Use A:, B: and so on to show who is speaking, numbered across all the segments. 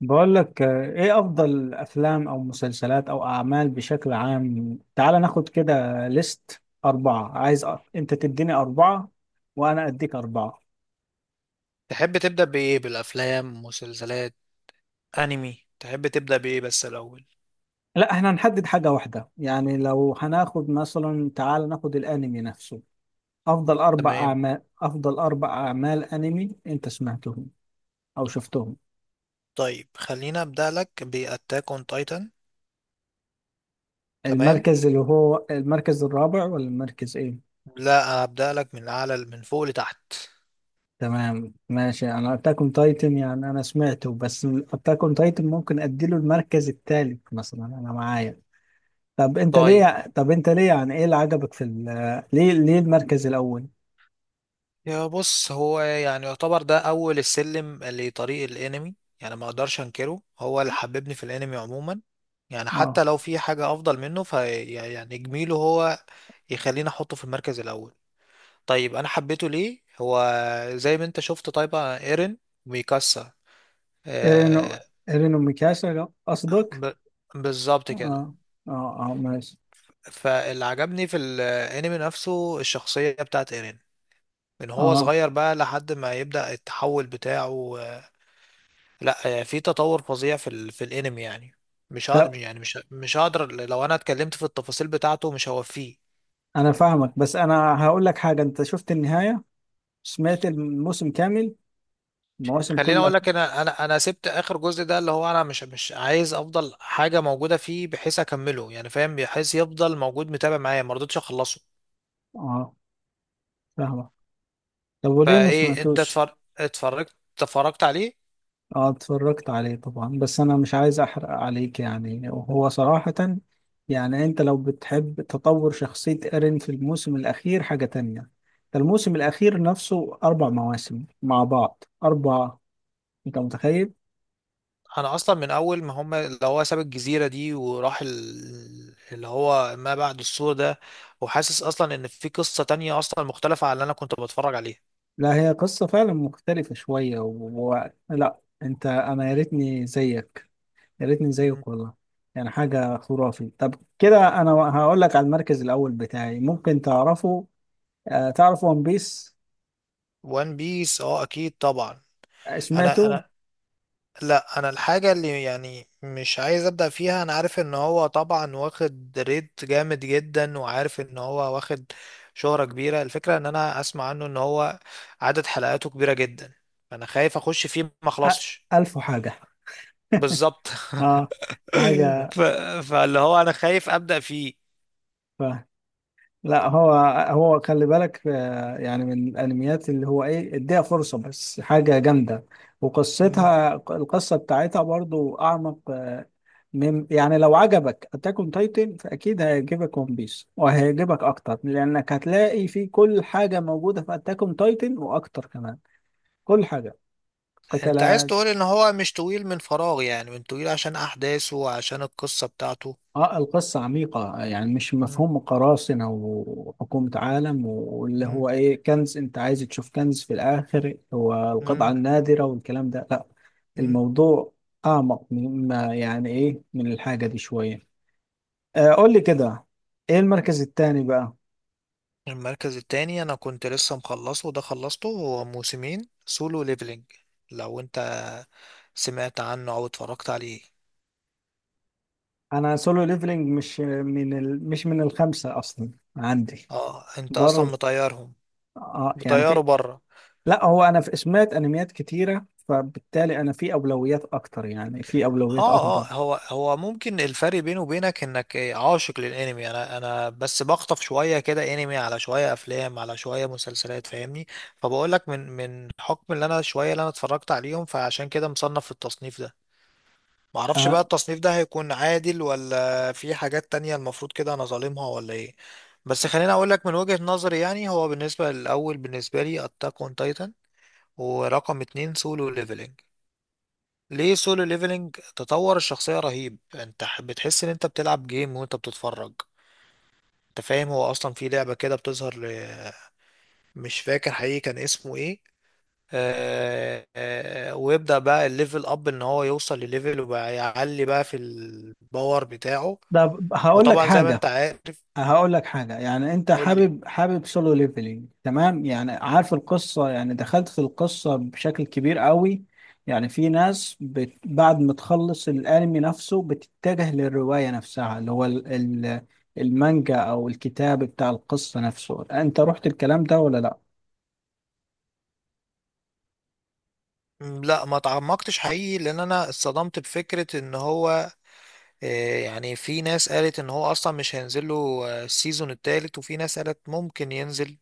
A: بقول لك ايه افضل افلام او مسلسلات او اعمال بشكل عام، تعال ناخد كده ليست اربعة. عايز انت تديني اربعة وانا اديك اربعة.
B: تحب تبدأ بإيه، بالأفلام، مسلسلات، أنمي؟ تحب تبدأ بإيه بس الأول؟
A: لا احنا هنحدد حاجة واحدة، يعني لو هناخد مثلا تعال ناخد الانمي نفسه. افضل اربع
B: تمام.
A: اعمال افضل اربع اعمال انمي انت سمعتهم او شفتهم؟
B: طيب خلينا أبدأ لك بأتاك أون تايتان. تمام.
A: المركز اللي هو المركز الرابع ولا المركز ايه؟
B: لا، أبدأ لك من أعلى، من فوق لتحت.
A: تمام ماشي، انا اتاك اون تايتن يعني انا سمعته، بس اتاك اون تايتن ممكن اديله المركز الثالث مثلا انا معايا.
B: طيب.
A: طب انت ليه، يعني ايه اللي عجبك في ليه المركز الاول؟
B: يا بص، هو يعني يعتبر ده أول السلم لطريق الأنمي. يعني ما أقدرش أنكره، هو اللي حببني في الأنمي عموما. يعني
A: اه،
B: حتى لو في حاجة أفضل منه فيعني جميله هو، يخليني أحطه في المركز الأول. طيب انا حبيته ليه هو؟ زي ما انت شفت، طيب ايرين وميكاسا.
A: ايرينو
B: آه.
A: ايرينو ميكاشا قصدك.
B: ب... بالظبط كده.
A: اه اه اه، ماشي.
B: فاللي عجبني في الانمي نفسه الشخصية بتاعت ايرين، من هو
A: اه
B: صغير بقى لحد ما يبدأ التحول بتاعه. لا، في تطور فظيع في في الانمي يعني. مش هقدر
A: طب
B: يعني مش هقدر، لو انا اتكلمت في التفاصيل بتاعته مش هوفيه.
A: انا فاهمك، بس انا هقول لك حاجه، انت شفت النهايه؟ سمعت الموسم كامل؟ المواسم
B: خليني
A: كلها؟
B: اقول لك، انا سبت اخر جزء ده، اللي هو انا مش عايز افضل حاجه موجوده فيه بحيث اكمله، يعني فاهم؟ بحيث يفضل موجود متابع معايا، ما رضيتش اخلصه.
A: اه، فاهمك. طب وليه ما
B: فايه، انت
A: سمعتوش؟
B: اتفرجت عليه؟
A: اه، اتفرجت عليه طبعا، بس انا مش عايز احرق عليك يعني، وهو صراحة يعني، انت لو بتحب تطور شخصية ايرين في الموسم الاخير حاجة تانية. ده الموسم الاخير نفسه اربع مواسم مع بعض اربعة، انت متخيل؟
B: انا اصلا من اول ما هم اللي هو ساب الجزيره دي، وراح اللي هو ما بعد السور ده، وحاسس اصلا ان في قصه تانية اصلا مختلفه عن اللي انا كنت بتفرج عليها.
A: لا هي قصة فعلا مختلفة شوية لا انت، انا يا ريتني زيك، يا ريتني زيك والله. يعني حاجة خرافي. طب كده انا هقول لك على المركز الاول بتاعي، ممكن تعرفه. آه تعرف ون بيس؟
B: وان بيس اه اكيد طبعا. انا
A: سمعته؟
B: انا لا، انا الحاجه اللي يعني مش عايز ابدا فيها، انا عارف ان هو طبعا واخد ريت جامد جدا، وعارف ان هو واخد شهره كبيره. الفكره ان انا اسمع عنه ان هو عدد حلقاته كبيره جدا، فانا خايف اخش فيه ما
A: أ-
B: اخلصش.
A: ألف وحاجة.
B: بالظبط.
A: اه، حاجة.
B: ف... فاللي هو انا خايف ابدا فيه.
A: ف... لا هو خلي بالك، يعني من الانميات اللي هو ايه اديها فرصة، بس حاجة جامدة،
B: مم.
A: وقصتها القصة بتاعتها برضو اعمق. من، يعني لو عجبك اتاك اون تايتن فاكيد هيعجبك ون بيس وهيعجبك اكتر، لانك هتلاقي فيه كل حاجة موجودة في اتاك اون تايتن واكتر كمان. كل حاجة.
B: انت عايز
A: قتال.
B: تقول ان هو مش طويل من فراغ، يعني من طويل عشان احداثه وعشان القصه بتاعته.
A: اه، القصة عميقة، يعني مش
B: مم.
A: مفهوم قراصنة وحكومة عالم واللي
B: مم.
A: هو ايه كنز، انت عايز تشوف كنز في الاخر هو القطعة النادرة والكلام ده، لا.
B: مم.
A: الموضوع اعمق مما يعني ايه من الحاجة دي شوية. قول لي كده، ايه المركز التاني بقى؟
B: المركز التاني انا كنت لسه مخلصه وده خلصته، هو موسمين سولو ليفلينج. لو انت سمعت عنه او اتفرجت عليه.
A: انا سولو ليفلينج مش من الخمسة اصلا عندي.
B: اه انت
A: بره
B: اصلا
A: ال-
B: مطيرهم،
A: اه يعني
B: مطيره
A: في،
B: بره.
A: لا هو انا في سمعت انميات كتيرة، فبالتالي انا في اولويات اكتر يعني في
B: اه
A: اولويات افضل.
B: اه، هو هو ممكن الفرق بينه وبينك انك عاشق للانمي. انا بس بخطف شويه كده، انمي على شويه افلام على شويه مسلسلات، فاهمني؟ فبقول لك من حكم اللي انا شويه، اللي انا اتفرجت عليهم، فعشان كده مصنف في التصنيف ده. معرفش بقى
A: آه،
B: التصنيف ده هيكون عادل ولا في حاجات تانية المفروض كده انا ظالمها ولا ايه. بس خليني اقول لك من وجهة نظري، يعني هو بالنسبة للاول بالنسبة لي اتاك اون تايتن، ورقم اتنين سولو ليفلنج. ليه سولو ليفلنج؟ تطور الشخصية رهيب، انت بتحس ان انت بتلعب جيم وانت بتتفرج. انت فاهم؟ هو اصلا في لعبة كده بتظهر مش فاكر حقيقي كان اسمه ايه. آه آه، ويبدأ بقى الليفل اب ان هو يوصل لليفل، وبقى يعلي بقى في الباور بتاعه.
A: طب
B: وطبعا زي ما انت عارف.
A: هقول لك حاجة، يعني انت
B: قول لي.
A: حابب سولو ليفلينج تمام، يعني عارف القصة، يعني دخلت في القصة بشكل كبير قوي. يعني في ناس بعد ما تخلص الانمي نفسه بتتجه للرواية نفسها اللي هو ال... المانجا او الكتاب بتاع القصة نفسه، انت رحت الكلام ده ولا لا؟
B: لا ما تعمقتش حقيقي، لان انا اتصدمت بفكرة ان هو يعني في ناس قالت ان هو اصلا مش هينزل له السيزون التالت. وفي ناس قالت ممكن ينزل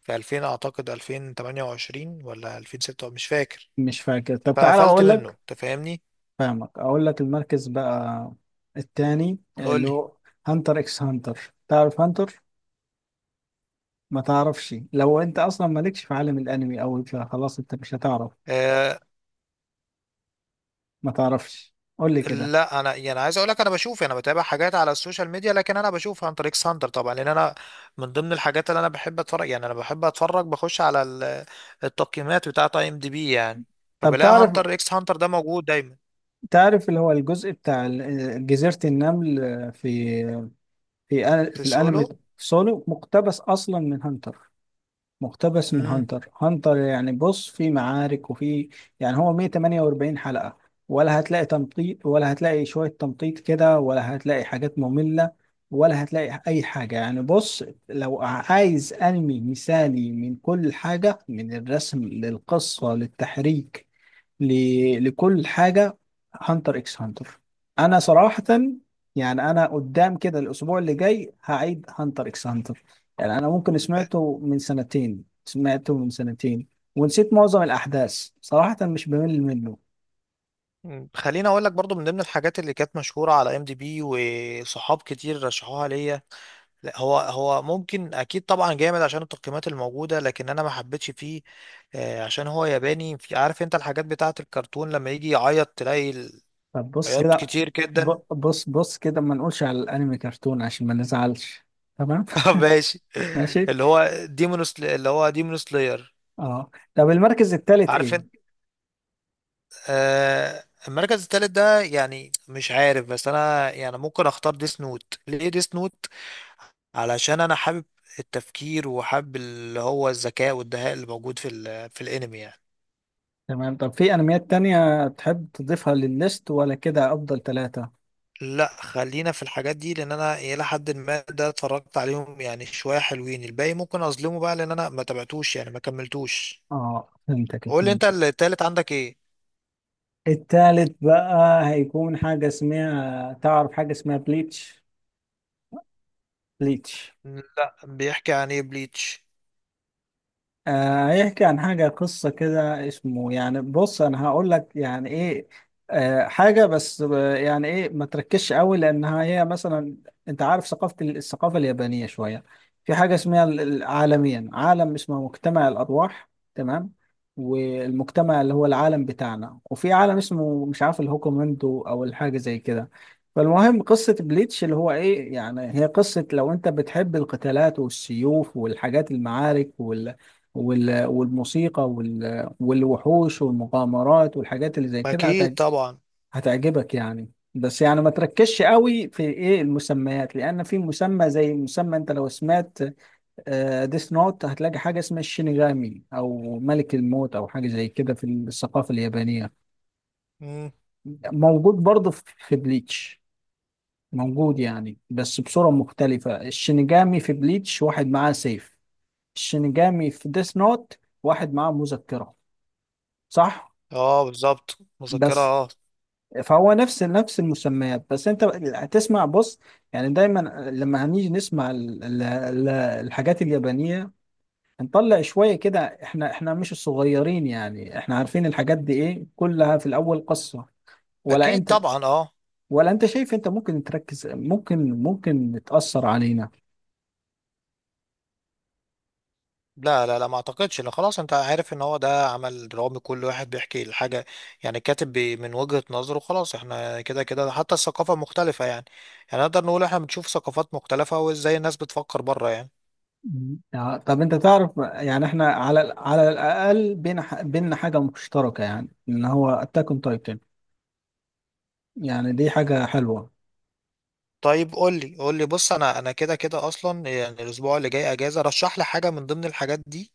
B: في 2000، اعتقد 2028 ولا 2006 مش فاكر.
A: مش فاكر. طب تعالى
B: فقفلت
A: اقول
B: منه،
A: لك،
B: انت فاهمني.
A: فاهمك، اقول لك المركز بقى التاني اللي
B: قول
A: هو هانتر اكس هانتر. تعرف هانتر؟ ما تعرفش؟ لو انت اصلا مالكش في عالم الانمي او فخلاص انت مش هتعرف.
B: لي.
A: ما تعرفش، قول لي كده.
B: لا انا يعني عايز اقول لك انا بشوف، يعني انا بتابع حاجات على السوشيال ميديا، لكن انا بشوف عن طريق ساندر طبعا، لان انا من ضمن الحاجات اللي انا بحب اتفرج، يعني انا بحب اتفرج، بخش على التقييمات بتاعه اي ام دي بي يعني.
A: طب
B: فبلاقي
A: تعرف،
B: هانتر اكس هانتر ده موجود دايما.
A: اللي هو الجزء بتاع جزيرة النمل في،
B: في
A: في الانمي.
B: سولو.
A: سولو مقتبس اصلا من هانتر، مقتبس من
B: امم
A: هانتر هانتر، يعني بص في معارك وفي، يعني هو 148 حلقة، ولا هتلاقي تمطيط، ولا هتلاقي شوية تمطيط كده، ولا هتلاقي حاجات مملة، ولا هتلاقي أي حاجة. يعني بص، لو عايز أنمي مثالي من كل حاجة، من الرسم للقصة للتحريك، لكل حاجة، هانتر اكس هانتر. انا صراحة يعني انا قدام كده الاسبوع اللي جاي هعيد هانتر اكس هانتر. يعني انا ممكن سمعته من سنتين ونسيت معظم الاحداث، صراحة مش بمل منه.
B: خليني اقول لك برضو من ضمن الحاجات اللي كانت مشهوره على ام دي بي وصحاب كتير رشحوها ليا. لا، هو هو ممكن اكيد طبعا جامد عشان التقييمات الموجوده، لكن انا ما حبيتش فيه، عشان هو ياباني، في عارف انت الحاجات بتاعه الكرتون لما يجي يعيط تلاقي
A: طب بص
B: عياط
A: كده،
B: كتير جدا.
A: بص كده، ما نقولش على الانمي كرتون عشان ما نزعلش. تمام.
B: ماشي.
A: ماشي.
B: اللي هو ديمونوس اللي هو ديمون سلاير،
A: اه، طب المركز الثالث
B: عارف انت.
A: ايه؟
B: المركز الثالث ده يعني مش عارف، بس انا يعني ممكن اختار ديس نوت. ليه ديس نوت؟ علشان انا حابب التفكير وحابب اللي هو الذكاء والدهاء اللي موجود في في الانمي يعني.
A: تمام، طب في انميات تانية تحب تضيفها للليست ولا كده افضل ثلاثة؟
B: لا خلينا في الحاجات دي، لان انا الى حد ما ده اتفرجت عليهم يعني شويه، حلوين. الباقي ممكن اظلمه بقى لان انا ما تابعتوش، يعني ما كملتوش.
A: اه، فهمتك،
B: قول لي انت
A: فهمت.
B: التالت عندك ايه.
A: التالت بقى هيكون حاجة اسمها، تعرف حاجة اسمها بليتش؟ بليتش.
B: لا بيحكي عن ايه بليتش؟
A: يحكي عن حاجة قصة كده، اسمه يعني بص أنا هقول لك يعني إيه. حاجة، بس يعني إيه ما تركزش قوي لأنها هي مثلا، أنت عارف ثقافة الثقافة اليابانية شوية. في حاجة اسمها عالميا عالم اسمه مجتمع الأرواح. تمام. والمجتمع اللي هو العالم بتاعنا، وفي عالم اسمه مش عارف الهوكومندو أو الحاجة زي كده. فالمهم قصة بليتش اللي هو إيه، يعني هي قصة لو أنت بتحب القتالات والسيوف والحاجات المعارك والموسيقى والوحوش والمغامرات والحاجات اللي زي كده
B: اكيد طبعا.
A: هتعجبك، يعني. بس يعني ما تركزش قوي في ايه المسميات، لان في مسمى زي مسمى، انت لو سمعت ديث نوت هتلاقي حاجه اسمها الشينيغامي او ملك الموت او حاجه زي كده في الثقافه اليابانيه.
B: مم.
A: موجود برضه في بليتش. موجود يعني، بس بصوره مختلفه. الشينيغامي في بليتش واحد معاه سيف، الشينيغامي في ديث نوت واحد معاه مذكره، صح؟
B: اه بالظبط مذكره
A: بس
B: اه.
A: فهو نفس المسميات، بس انت هتسمع بص، يعني دايما لما هنيجي نسمع الحاجات اليابانية، هنطلع شوية كده. احنا مش الصغيرين، يعني احنا عارفين الحاجات دي ايه كلها في الاول قصة. ولا
B: اكيد
A: انت
B: طبعا اه.
A: ولا انت شايف، انت ممكن تركز، ممكن تأثر علينا؟
B: لا لا لا، ما اعتقدش. لا خلاص، انت عارف ان هو ده عمل درامي، كل واحد بيحكي الحاجة يعني، كاتب من وجهة نظره. خلاص احنا كده كده حتى الثقافة مختلفة يعني، يعني نقدر نقول احنا بنشوف ثقافات مختلفة وازاي الناس بتفكر بره يعني.
A: مم. يعني طب انت تعرف، يعني احنا على على الاقل بينا بينا حاجة مشتركة، يعني ان هو اتاك اون تايتن. يعني دي حاجة حلوة.
B: طيب قول لي، قول لي بص، انا انا كده كده اصلا، يعني الاسبوع اللي جاي اجازة، رشح لي حاجة من ضمن الحاجات دي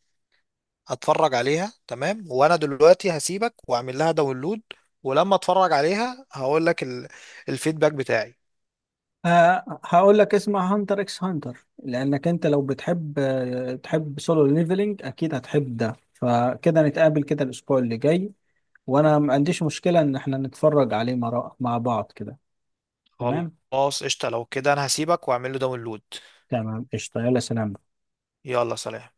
B: اتفرج عليها. تمام، وانا دلوقتي هسيبك واعمل لها داونلود. ولما اتفرج عليها هقول لك الفيدباك بتاعي.
A: هقول لك اسمع هانتر اكس هانتر، لانك انت لو بتحب، تحب سولو ليفلنج، اكيد هتحب ده. فكده نتقابل كده الاسبوع اللي جاي، وانا ما عنديش مشكلة ان احنا نتفرج عليه مع بعض كده. تمام.
B: خلاص قشطة. لو كده انا هسيبك واعمل له داونلود.
A: تمام قشطة. يلا سلام.
B: يلا سلام.